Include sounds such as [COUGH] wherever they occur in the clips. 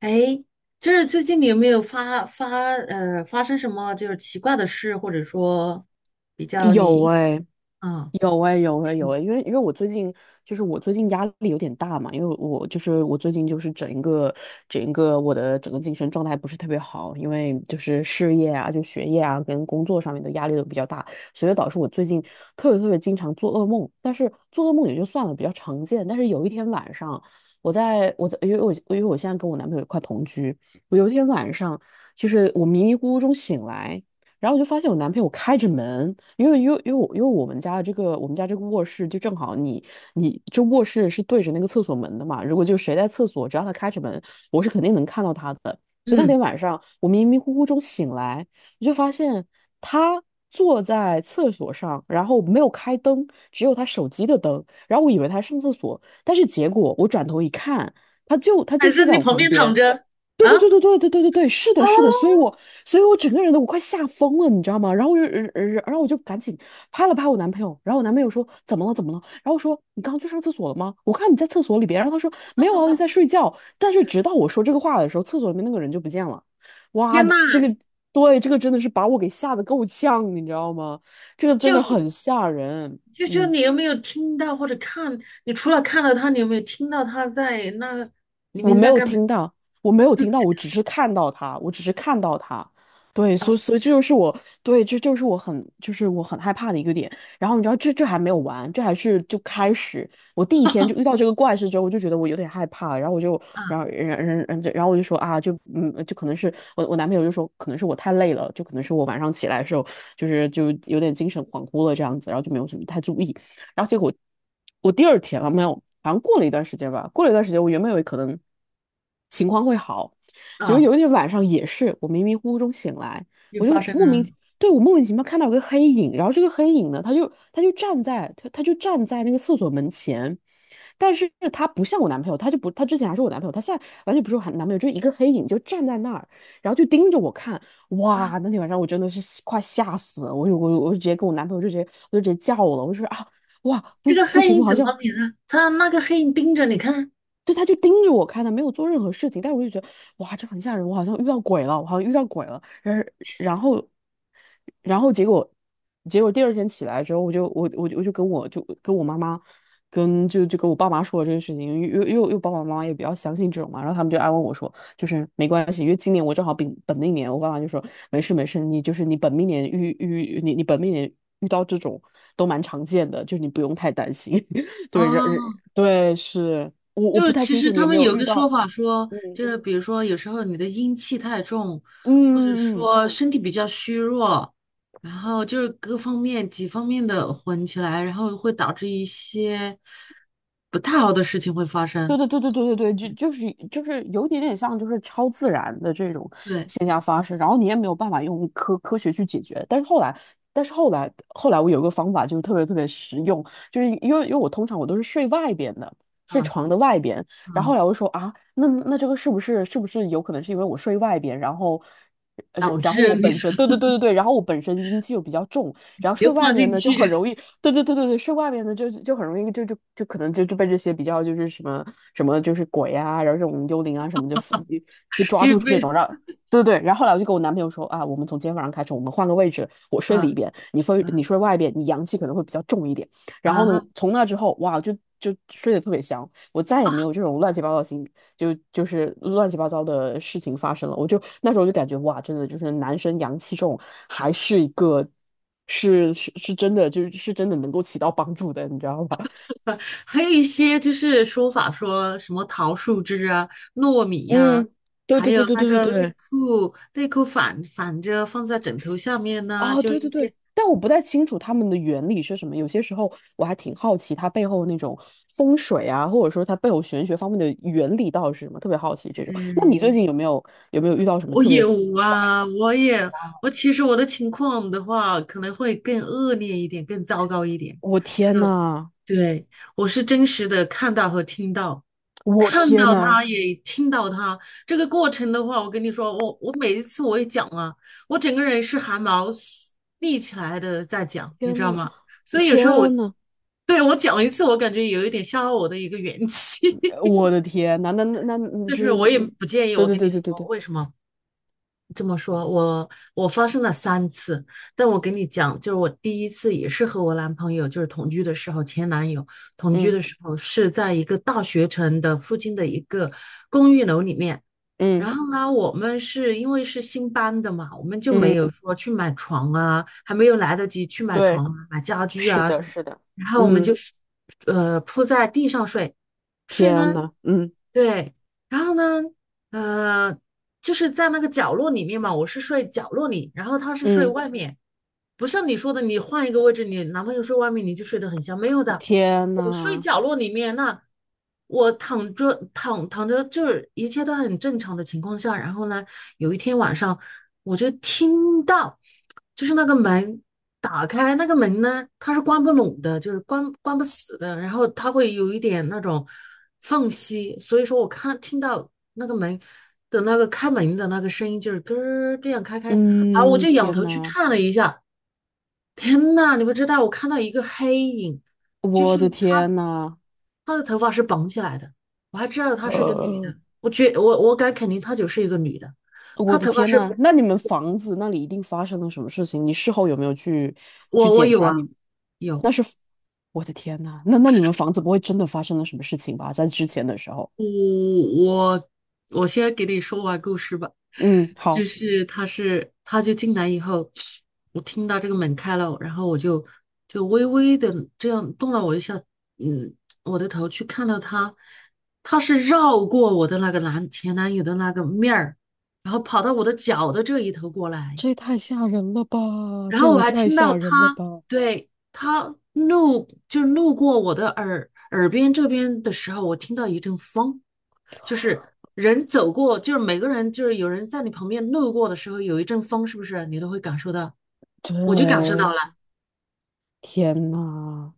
哎，就是最近你有没有发生什么就是奇怪的事，或者说比较你有印象哎、啊。有哎、有哎、有哎、因为我最近就是我最近压力有点大嘛，因为我就是我最近就是整一个我的整个精神状态不是特别好，因为就是事业啊、就学业啊跟工作上面的压力都比较大，所以导致我最近特别特别经常做噩梦。但是做噩梦也就算了，比较常见。但是有一天晚上，我在我在因为因为我现在跟我男朋友一块同居，我有一天晚上就是我迷迷糊糊中醒来。然后我就发现我男朋友开着门，因为因为我们家这个卧室就正好你这卧室是对着那个厕所门的嘛，如果就谁在厕所，只要他开着门，我是肯定能看到他的。所以那嗯，天晚上我迷迷糊糊中醒来，我就发现他坐在厕所上，然后没有开灯，只有他手机的灯，然后我以为他上厕所，但是结果我转头一看，他就他还就是睡在你我旁旁边躺边。着对对啊？对对对对对对对，是哦，的，是的，所以我整个人都我快吓疯了，你知道吗？然后我就，然后我就赶紧拍了拍我男朋友，然后我男朋友说怎么了怎么了？然后我说你刚刚去上厕所了吗？我看你在厕所里边，然后他说没有啊，我在睡觉。但是直到我说这个话的时候，厕所里面那个人就不见了。哇，天呐，这个对这个真的是把我给吓得够呛，你知道吗？这个真的就很吓人，就嗯。你有没有听到或者看？你除了看到他，你有没有听到他在那里我面没在有干嘛？听到，我没有听到，就我只是看到他，我只是看到他。对，所以这就是我对，这就是我很害怕的一个点。然后你知道，这还没有完，这还是就开始。我第一天就遇到这个怪事之后，我就觉得我有点害怕，然后我就啊然后我就说啊，就嗯，就可能是我男朋友就说，可能是我太累了，就可能是我晚上起来的时候就是有点精神恍惚了这样子，然后就没有什么太注意。然后结果我第二天了没有，好像过了一段时间吧，过了一段时间，我原本以为可能情况会好，结果啊，有一天晚上也是，我迷迷糊糊中醒来，又我就发生莫名了其对，我莫名其妙看到有个黑影，然后这个黑影呢，他就站在他就站在那个厕所门前。但是他不像我男朋友，他就不，他之前还是我男朋友，他现在完全不是我男朋友，就是一个黑影就站在那儿，然后就盯着我看。啊！哇，那天晚上我真的是吓快吓死了，我就我就直接跟我男朋友就直接我就直接叫了，我就说啊，哇，这不个不黑行，影我好怎像么免呢？他那个黑影盯着你看。对他就盯着我看，他没有做任何事情，但是我就觉得哇，这很吓人，我好像遇到鬼了，我好像遇到鬼了。然后然后然后结果第二天起来之后，我就跟我妈妈跟就就跟我爸妈说了这个事情，因为爸爸妈妈也比较相信这种嘛，然后他们就安慰我说，就是没关系，因为今年我正好本命年，我爸妈就说没事没事，你就是你本命年遇到这种都蛮常见的，就是你不用太担心。[LAUGHS] 对，哦，是我就不是太其清实楚你他有没们有有遇个说到，法说，嗯就是比如说有时候你的阴气太重，或者嗯嗯，说身体比较虚弱，然后就是各方面几方面的混起来，然后会导致一些不太好的事情会发对生。对对对对对对，就是有一点点像就是超自然的这种对，现象发生，然后你也没有办法用科学去解决。但是后来，但是后来我有个方法就是特别特别实用，就是因为我通常我都是睡外边的，睡嗯床的外边，然后嗯，后来我就说啊，那这个是不是有可能是因为我睡外边，然后呃导然后致我你 本身对 [LAUGHS] 对对对对，然后我本身阴气又比较重。然后你就睡外放面进呢就很去，容易，对对对对对，睡外面呢就就很容易就就就可能就就被这些比较就是什么什么就是鬼啊，然后这种幽灵啊什么就被[LAUGHS] 抓就住这种，被让对对对，然后后来我就跟我男朋友说啊，我们从今天晚上开始，我们换个位置，我睡啊里边，你睡啊你睡外边，你阳气可能会比较重一点。然后啊。呢，从那之后，哇，就睡得特别香，我再也啊 没有这种乱七八糟的就是乱七八糟的事情发生了。我就那时候就感觉哇，真的就是男生阳气重，还是一个是真的，就是是真的能够起到帮助的，你知道吧？[LAUGHS] 还有一些就是说法说什么桃树枝啊、糯米 [LAUGHS] 呀、嗯，对还对有对对那对对个内对，裤内裤反着放在枕头下面呢、啊，就对一对对，些。但我不太清楚他们的原理是什么。有些时候我还挺好奇他背后那种风水啊，或者说他背后玄学方面的原理到底是什么，特别好奇这种。那你最嗯，近有没有遇到什么我特别？有啊，我其实我的情况的话，可能会更恶劣一点，更糟糕一点。我这天个呐，对，我是真实的看到和听到，我看天到呐！他也听到他。这个过程的话，我跟你说，我每一次我也讲啊，我整个人是汗毛立起来的在讲，你天知道呐，吗？所以有时候我，天呐，对，我讲一次，我感觉有一点消耗我的一个元气，我的天呐，那 [LAUGHS] 就但是是，我也嗯不介意。对我对跟你对对对说，对，为什么？这么说，我发生了三次，但我跟你讲，就是我第一次也是和我男朋友，就是同居的时候，前男友同居的嗯时候是在一个大学城的附近的一个公寓楼里面。嗯然后呢，我们是因为是新搬的嘛，我们就没有嗯，说去买床啊，还没有来得及去买对，床啊、买家具是啊的，什么。是的，然后我们嗯，就是，铺在地上睡，睡天呢，呐，嗯对。然后呢，呃，就是在那个角落里面嘛，我是睡角落里，然后他是睡嗯，外面，不像你说的，你换一个位置，你男朋友睡外面，你就睡得很香，没有的，天我睡呐，角落里面，那我躺着，就是一切都很正常的情况下。然后呢，有一天晚上我就听到，就是那个门打开，那个门呢，它是关不拢的，就是关不死的，然后它会有一点那种缝隙，所以说我听到那个门的那个开门的那个声音，就是咯儿这样开开，好，我嗯，就仰天头去呐，看了一下。天呐，你不知道，我看到一个黑影，就是我的他，天呐，他的头发是绑起来的，我还知道他是一个女的，呃，我觉我我敢肯定她就是一个女的，我她的头发天是，呐，那你们房子那里一定发生了什么事情？你事后有没有去我检有查啊，你？那有。是，我的天呐，那你们房子不会真的发生了什么事情吧？在之前的时候，我我我先给你说完故事吧，嗯，就好。是他就进来以后，我听到这个门开了，然后我就微微的这样动了我一下，嗯，我的头去看到他，他是绕过我的那个男前男友的那个面儿，然后跑到我的脚的这一头过来，这也太吓人了吧！然这后我也还太听到吓人了他吧！对他路就是路过我的耳边这边的时候，我听到一阵风。就是人走过，就是每个人，就是有人在你旁边路过的时候，有一阵风，是不是你都会感受到？我就感受到对，了，天呐，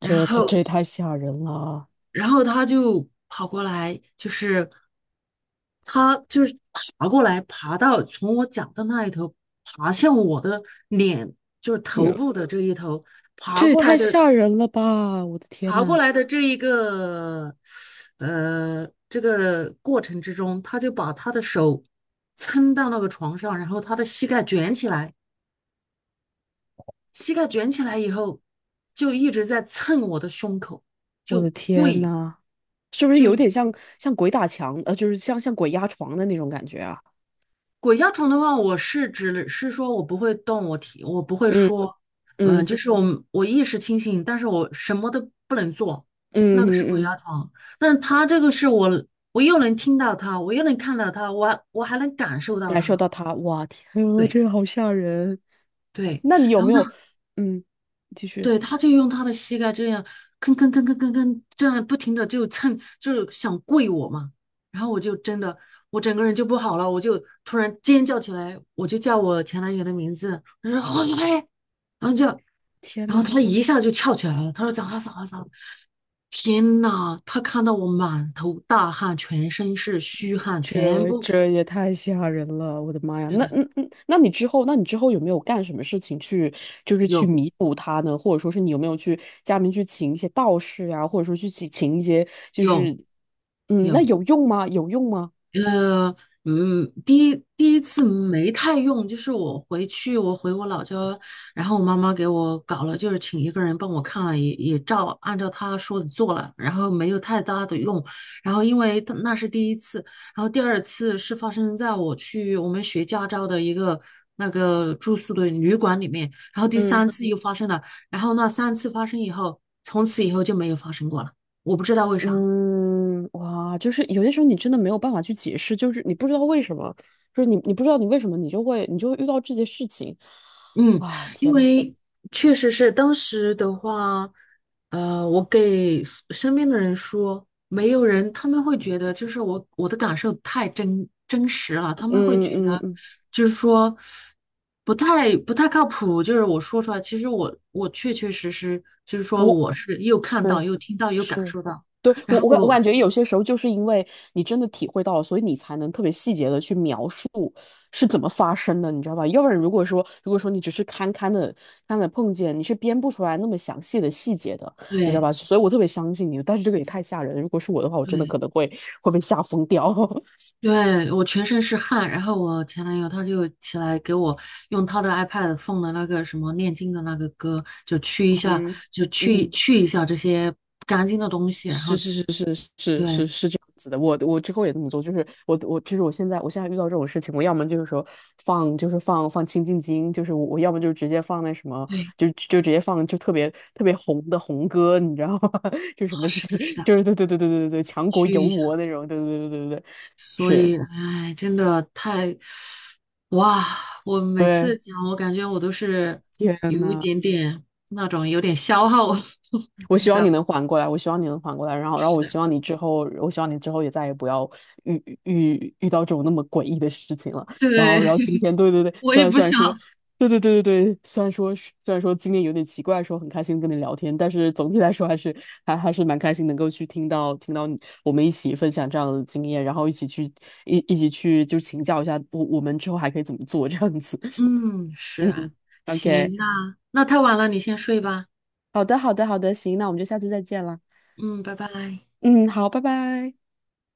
然这这后，也太吓人了！然后他就跑过来，就是他就是爬过来，爬到从我脚的那一头，爬向我的脸，就是没头有部的这一头，爬这也过来太的，吓人了吧！我的天爬过呐，来的这一个，这个过程之中，他就把他的手撑到那个床上，然后他的膝盖卷起来。膝盖卷起来以后，就一直在蹭我的胸口，我就的天跪，呐，是不是有就点像鬼打墙？就是像鬼压床的那种感觉啊？鬼压床的话，我是指是说我不会动，我不会嗯说，嗯，嗯就是我意识清醒，但是我什么都不能做，嗯那个是鬼嗯嗯，压床。但他这个是我，我又能听到他，我又能看到他，我还能感受到感受他，到他，哇，天啊，对这个好吓人！对。那你有然后没有？他。嗯，继续。对，他就用他的膝盖这样吭吭吭吭吭吭，这样不停的就蹭，就是想跪我嘛。然后我就真的，我整个人就不好了，我就突然尖叫起来，我就叫我前男友的名字，我说侯子飞，然后就，天然后呐。他一下就翘起来了，他说咋了咋了咋了？天呐，他看到我满头大汗，全身是虚汗，全这部这也太吓人了，我的妈呀！是的，那你之后，那你之后有没有干什么事情去，就是去有弥补他呢？或者说是你有没有去家里面去请一些道士呀、或者说去请一些，就有是，嗯，那有。有用吗？有用吗？呃，第一次没太用，就是我回去，我回我老家，然后我妈妈给我搞了，就是请一个人帮我看了，也按照她说的做了，然后没有太大的用，然后因为她那是第一次，然后第二次是发生在我去我们学驾照的一个那个住宿的旅馆里面，然后第嗯三次又发生了，然后那三次发生以后，从此以后就没有发生过了，我不知道为啥。嗯，哇，就是有些时候你真的没有办法去解释，就是你不知道为什么，就是你不知道你为什么，你就会遇到这些事情，嗯，啊，因天呐，为确实是当时的话，我给 身边的人说，没有人，他们会觉得就是我的感受太真实了，他嗯们会觉嗯嗯得嗯。就是说不太靠谱，就是我说出来，其实我确确实实就是说我。我是又看对，到又听到又感是，受到，对，然我我感我后感觉有些时候就是因为你真的体会到了，所以你才能特别细节的去描述是怎么发生的，你知道吧？要不然如果说你只是堪堪的碰见，你是编不出来那么详细的细节的，你知道对吧？所以我特别相信你，但是这个也太吓人了如果是我的话，我真的对。可能会被吓疯掉。[LAUGHS] 对，我全身是汗，然后我前男友他就起来给我用他的 iPad 放的那个什么念经的那个歌，就去一下，嗯，嗯。去一下这些不干净的东西，然后是是是是是是对是这样子的，我之后也这么做，就是我其实我现在遇到这种事情，我要么就是说放就是放清静音，就是我要么就直接放那什么，对，就直接放就特别特别红的红歌，你知道吗？[LAUGHS] 就啊什么 [LAUGHS] 是的，是的，就是对对对对对对对，强国去有一下，我那种，对对对对对对，所是，以哎，真的太，哇，我每次对，讲，我感觉我都是天有一呐。点点那种有点消耗，[LAUGHS] 我你希知望道你吗？能缓过来，我希望你能缓过来，然后，然后是我的，希望你之后，我希望你之后也再也不要遇到这种那么诡异的事情了。然对，后，然后今天，[LAUGHS] 对对对，我虽也然不虽然说，想。对对对对对，虽然说今天有点奇怪，说很开心跟你聊天，但是总体来说还是还是蛮开心能够去听到你我们一起分享这样的经验，然后一起去一起去就请教一下我们之后还可以怎么做这样子。嗯，[LAUGHS] 是嗯啊，，OK，行，那太晚了，你先睡吧。好的好的好的，行，那我们就下次再见了。嗯，拜拜。嗯，好，拜拜。